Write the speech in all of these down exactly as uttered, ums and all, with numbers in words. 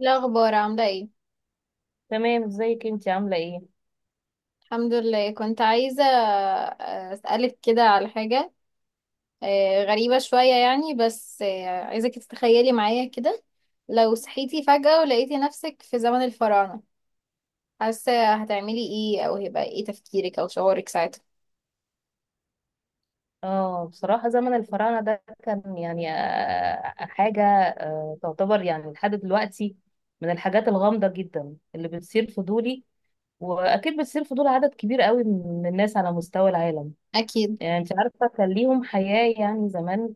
الأخبار عاملة ايه؟ تمام، ازيك انت عامله ايه؟ الحمد لله، كنت عايزة آه، أسألك كده على حاجة آه، غريبة شوية، يعني بس آه، عايزك تتخيلي معايا كده. لو صحيتي فجأة ولقيتي نفسك في زمن الفراعنة، حاسة هتعملي ايه؟ أو هيبقى ايه تفكيرك أو شعورك ساعتها؟ اه، بصراحه زمن الفراعنه ده كان يعني آه، حاجه آه، تعتبر يعني لحد دلوقتي من الحاجات الغامضه جدا اللي بتثير فضولي، واكيد بتثير فضول عدد كبير قوي من الناس على مستوى العالم. أكيد. يعني انت عارفه كان ليهم حياه يعني زمان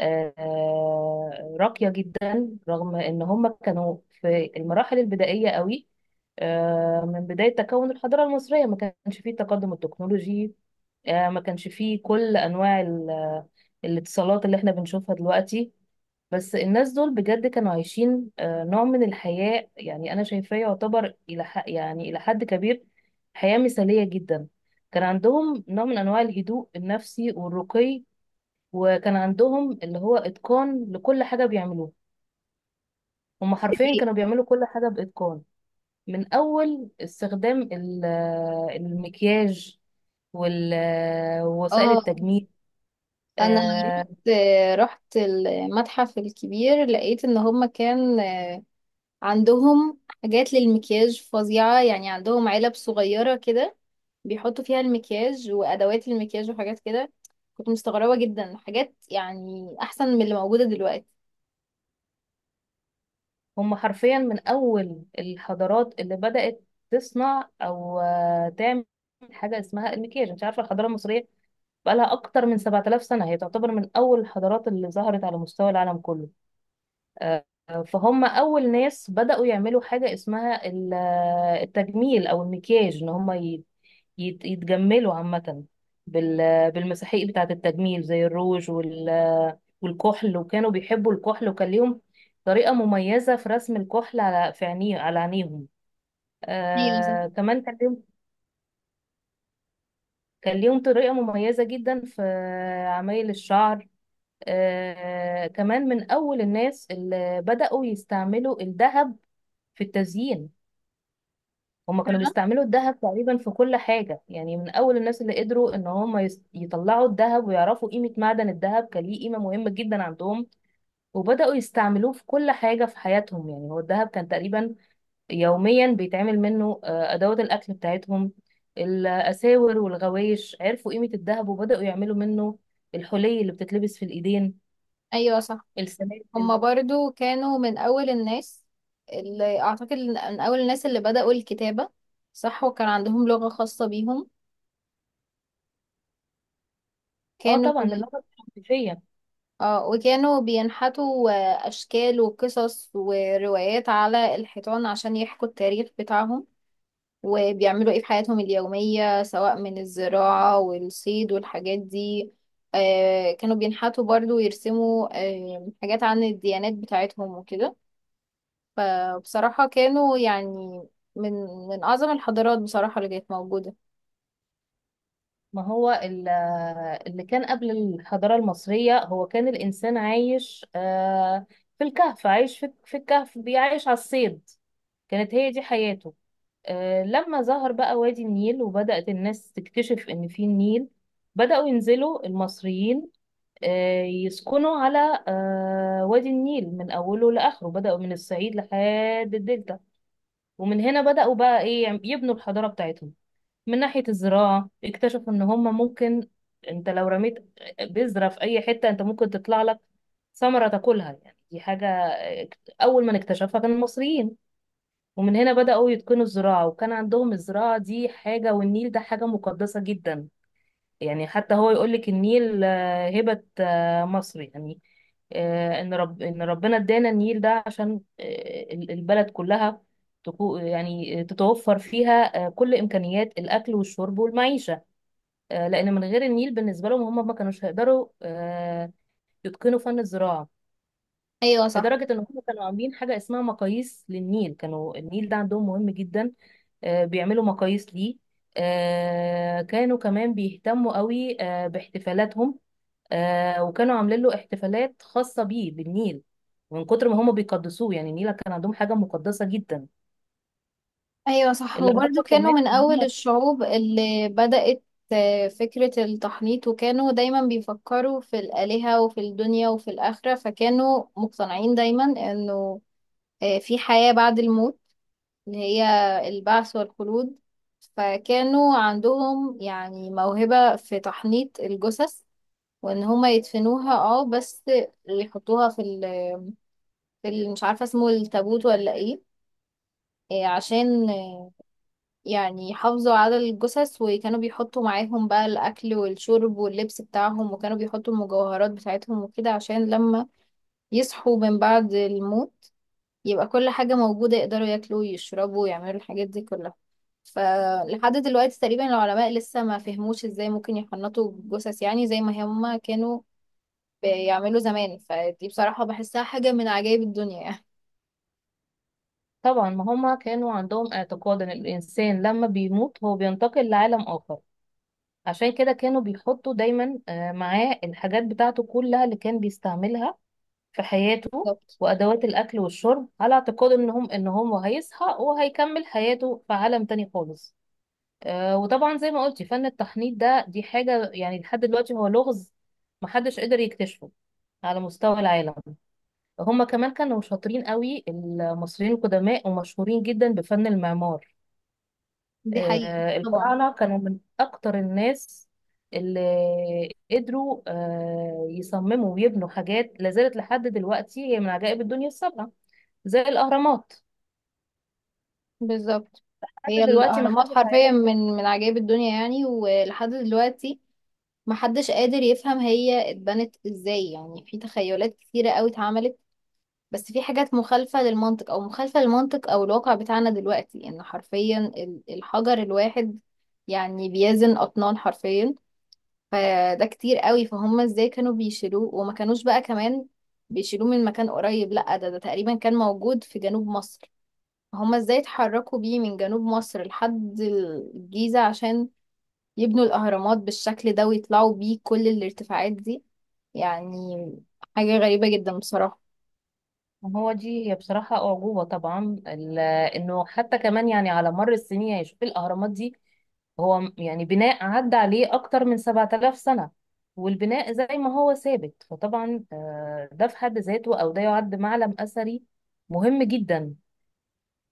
آه، آه، راقيه جدا، رغم ان هم كانوا في المراحل البدائيه قوي. آه، من بداية تكون الحضارة المصرية ما كانش فيه التقدم التكنولوجي، آه، ما كانش فيه كل انواع ال- آه، الاتصالات اللي احنا بنشوفها دلوقتي. بس الناس دول بجد كانوا عايشين آه، نوع من الحياة يعني انا شايفاه يعتبر الى ح- يعني الى حد كبير حياة مثالية جدا. كان عندهم نوع من انواع الهدوء النفسي والرقي، وكان عندهم اللي هو اتقان لكل حاجة بيعملوها. هم حرفيا إيه؟ كانوا بيعملوا كل حاجة باتقان، من اول استخدام ال- آه، المكياج وال- آه، ووسائل اه، التجميل. أنا آه، رحت آه، رحت المتحف الكبير، لقيت إن هما كان آه، عندهم حاجات للمكياج فظيعة، يعني عندهم علب صغيرة كده بيحطوا فيها المكياج وأدوات المكياج وحاجات كده. كنت مستغربة جدا، حاجات يعني أحسن من اللي موجودة دلوقتي. هم حرفيا من أول الحضارات اللي بدأت تصنع أو آه، تعمل حاجة اسمها المكياج. انت عارفة الحضارة المصرية بقالها أكتر من سبع آلاف سنة، هي تعتبر من أول الحضارات اللي ظهرت على مستوى العالم كله. فهم أول ناس بدأوا يعملوا حاجة اسمها ال- التجميل أو المكياج، إن هم ي- يت- يتجملوا عامة بال- بالمساحيق بتاعة التجميل زي الروج وال- والكحل، وكانوا بيحبوا الكحل، وكان ليهم طريقة مميزة في رسم الكحل على في عينيه على عينيهم. ايوه صح. آه كمان كان ليهم كان ليهم طريقة مميزة جدا في عمايل الشعر. آه كمان من أول الناس اللي بدأوا يستعملوا الذهب في التزيين. هما كانوا فعلا. بيستعملوا الذهب تقريبا في كل حاجة، يعني من أول الناس اللي قدروا إن هما يس- يطلعوا الذهب ويعرفوا قيمة معدن الذهب، كان ليه قيمة مهمة جدا عندهم. وبدأوا يستعملوه في كل حاجة في حياتهم، يعني هو الذهب كان تقريبا يوميا بيتعمل منه آه، أدوات الأكل بتاعتهم، الأساور والغوايش. عرفوا قيمة الذهب وبدأوا يعملوا منه الحلي اللي بتتلبس في الإيدين، أيوة صح، هما السلاسل. برضو كانوا من أول الناس اللي، أعتقد، من أول الناس اللي بدأوا الكتابة. صح، وكان عندهم لغة خاصة بيهم اه كانوا، طبعا، اللغة الحنفية. اه، وكانوا بينحتوا آه، أشكال وقصص وروايات على الحيطان عشان يحكوا التاريخ بتاعهم وبيعملوا ايه في حياتهم اليومية، سواء من الزراعة والصيد والحاجات دي. آه، كانوا بينحتوا برضو ويرسموا آه حاجات عن الديانات بتاعتهم وكده. فبصراحة كانوا يعني من من أعظم الحضارات بصراحة اللي كانت موجودة. ما هو ال- اللي كان قبل الحضارة المصرية، هو كان الإنسان عايش آه، في الكهف، عايش في في الكهف، بيعيش على الصيد، كانت هي دي حياته. آه، لما ظهر بقى وادي النيل وبدأت الناس تكتشف إن في النيل، بدأوا ينزلوا المصريين، آه، يسكنوا على آه، وادي النيل من أوله لآخره، بدأوا من الصعيد لحد الدلتا. ومن هنا بدأوا بقى إيه يبنوا الحضارة بتاعتهم. من ناحية الزراعة، اكتشفوا ان هما ممكن، انت لو رميت بذرة في اي حتة، انت ممكن تطلع لك ثمرة تاكلها. يعني دي حاجة اك- اول من اكتشفها كان المصريين. ومن هنا بدأوا يتقنوا الزراعة، وكان عندهم الزراعة دي حاجة، والنيل ده حاجة مقدسة جدا. يعني حتى هو يقول لك النيل آه، هبة آه، مصر. يعني آه، ان رب ان ربنا ادانا النيل ده عشان آه، ال- البلد كلها تكو- يعني تتوفر فيها آه، كل امكانيات الاكل والشرب والمعيشة. آه، لان من غير النيل بالنسبه لهم، هم ما كانوش هيقدروا آه، يتقنوا فن الزراعه. أيوة صح. لدرجه ان هم كانوا عاملين حاجه اسمها مقاييس للنيل، كانوا النيل ده عندهم مهم جدا، آه، بيعملوا مقاييس ليه. آه، كانوا كمان بيهتموا قوي آه، باحتفالاتهم، آه، وكانوا عاملين له احتفالات خاصه بيه بالنيل، من كتر ما هم بيقدسوه. يعني النيل كان عندهم حاجه مقدسه جدا. ايوه صح، اللي وبرضو اعرفه كانوا كمان من ان اول هم، الشعوب اللي بدأت آه، فكرة التحنيط، وكانوا دايما بيفكروا في الآلهة وفي الدنيا وفي الآخرة، فكانوا مقتنعين دايما انه آه، في حياة بعد الموت اللي هي البعث والخلود. فكانوا عندهم يعني موهبة في تحنيط الجثث، وان هما يدفنوها، اه بس يحطوها في ال في ال- مش عارفة اسمه التابوت ولا ايه، آه، عشان يعني حافظوا على الجثث، وكانوا بيحطوا معاهم بقى الأكل والشرب واللبس بتاعهم، وكانوا بيحطوا المجوهرات بتاعتهم وكده، عشان لما يصحوا من بعد الموت يبقى كل حاجة موجودة، يقدروا ياكلوا ويشربوا ويعملوا الحاجات دي كلها. فلحد دلوقتي تقريبا العلماء لسه ما فهموش ازاي ممكن يحنطوا الجثث يعني زي ما هما كانوا بيعملوا زمان. فدي بصراحة بحسها حاجة من عجائب الدنيا يعني. طبعا ما هم كانوا عندهم اعتقاد ان الانسان لما بيموت هو بينتقل لعالم اخر، عشان كده كانوا بيحطوا دايما آه، معاه الحاجات بتاعته كلها اللي كان بيستعملها في حياته، بالظبط. وأدوات الأكل والشرب، على اعتقاد إنهم إن هو هيصحى وهيكمل حياته في عالم تاني خالص. آه، وطبعا زي ما قلتي فن التحنيط ده دي حاجة يعني لحد دلوقتي هو لغز محدش قدر يكتشفه على مستوى العالم. هما كمان كانوا شاطرين قوي المصريين القدماء، ومشهورين جدا بفن المعمار. دي حقيقة. آه، طبعا. الفراعنة كانوا من أكتر الناس اللي قدروا آه، يصمموا ويبنوا حاجات لازالت لحد دلوقتي هي من عجائب الدنيا السبعة، زي الأهرامات. بالظبط. هي لحد دلوقتي ما الأهرامات حدش حرفيا عارف. من من عجائب الدنيا، يعني ولحد دلوقتي محدش قادر يفهم هي اتبنت ازاي. يعني في تخيلات كتيرة قوي اتعملت، بس في حاجات مخالفة للمنطق أو مخالفة للمنطق أو الواقع بتاعنا دلوقتي، إن حرفيا ال- الحجر الواحد يعني بيزن أطنان حرفيا. فده كتير قوي، فهم ازاي كانوا بيشيلوه. وما كانوش بقى كمان بيشيلوه من مكان قريب، لأ، ده ده تقريبا كان موجود في جنوب مصر. هما ازاي اتحركوا بيه من جنوب مصر لحد الجيزة عشان يبنوا الأهرامات بالشكل ده، ويطلعوا بيه كل الارتفاعات دي؟ يعني حاجة غريبة جدا بصراحة. ما هو دي هي بصراحة أعجوبة. طبعا ال- إنه حتى كمان، يعني على مر السنين، يعني شوف الأهرامات دي، هو م- يعني بناء عدى عليه أكتر من سبعة آلاف سنة والبناء زي ما هو ثابت. فطبعا آه، ده في حد ذاته، أو ده يعد معلم أثري مهم جدا.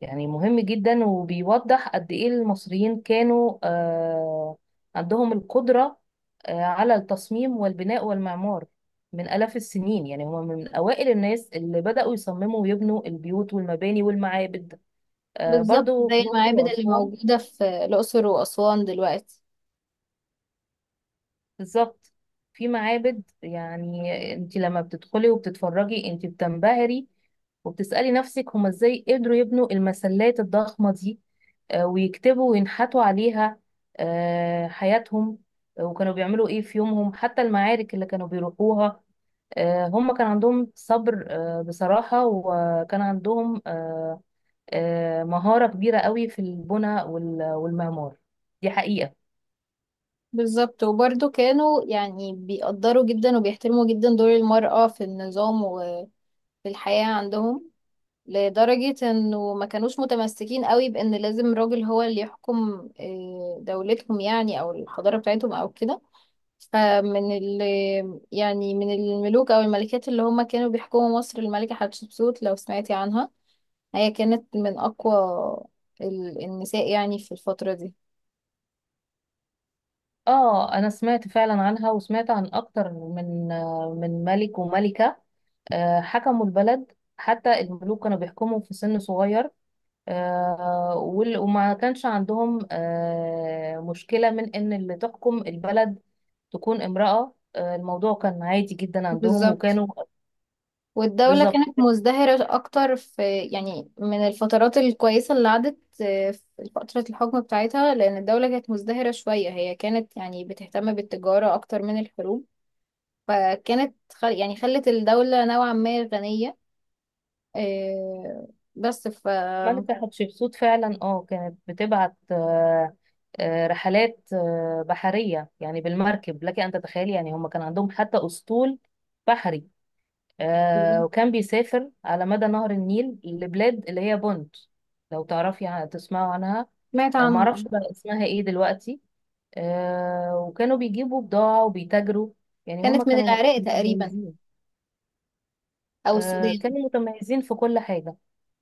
يعني مهم جدا، وبيوضح قد ايه المصريين كانوا آه، عندهم القدرة آه، على التصميم والبناء والمعمار من آلاف السنين. يعني هم من أوائل الناس اللي بدأوا يصمموا ويبنوا البيوت والمباني والمعابد، آه، بالظبط، برضو في زي الأقصر المعابد اللي وأسوان. موجودة في الأقصر وأسوان دلوقتي. بالظبط. في معابد، يعني انت لما بتدخلي وبتتفرجي انت بتنبهري، وبتسألي نفسك هما ازاي قدروا يبنوا المسلات الضخمة دي، آه، ويكتبوا وينحتوا عليها آه، حياتهم، آه، وكانوا بيعملوا ايه في يومهم، حتى المعارك اللي كانوا بيروحوها. آه، هما كان عندهم صبر آه، بصراحة، وكان عندهم آه، آه، مهارة كبيرة قوي في البناء وال- والمعمار. دي حقيقة. بالظبط، وبرضه كانوا يعني بيقدروا جدا وبيحترموا جدا دور المرأة في النظام وفي الحياة عندهم، لدرجة انه ما كانوش متمسكين قوي بان لازم راجل هو اللي يحكم آه، دولتهم، يعني او الحضارة بتاعتهم او كده. فمن ال يعني من الملوك أو الملكات اللي هم كانوا بيحكموا مصر، الملكة حتشبسوت، لو سمعتي عنها. هي كانت من أقوى ال- النساء يعني في الفترة دي. اه انا سمعت فعلا عنها، وسمعت عن اكتر من آه، من ملك وملكة آه، حكموا البلد. حتى الملوك كانوا بيحكموا في سن صغير، آه، وال- وما كانش عندهم آه، مشكلة من ان اللي تحكم البلد تكون امرأة. آه، الموضوع كان عادي جدا عندهم، بالظبط، وكانوا. والدولة بالظبط. كانت مزدهرة أكتر في، يعني من الفترات الكويسة اللي عدت آه، في فترة الحكم بتاعتها، لأن الدولة كانت مزدهرة شوية. هي كانت يعني بتهتم بالتجارة أكتر من الحروب، فكانت خل يعني خلت الدولة نوعا ما غنية. آه، بس ف ملكة حتشبسوت فعلا اه كانت بتبعت آه، آه، رحلات آه، بحرية، يعني بالمركب. لك أن تتخيلي يعني هم كان عندهم حتى أسطول بحري، آه، وكان بيسافر على مدى نهر النيل لبلاد اللي هي بونت. لو تعرفي عن- تسمعوا عنها. سمعت آه، عنها اه. معرفش بقى اسمها ايه دلوقتي. آه، وكانوا بيجيبوا بضاعة وبيتاجروا، يعني هم كانت من كانوا العراق تقريبا، متميزين. او آه، السودان. كانوا متميزين في كل حاجة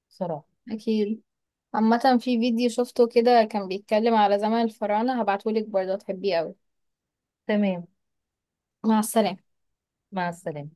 صراحة. اكيد. عامة في فيديو شفته كده، كان بيتكلم على زمن الفراعنة، هبعتهولك برضه هتحبيه اوي. تمام، مع السلامة. مع السلامة.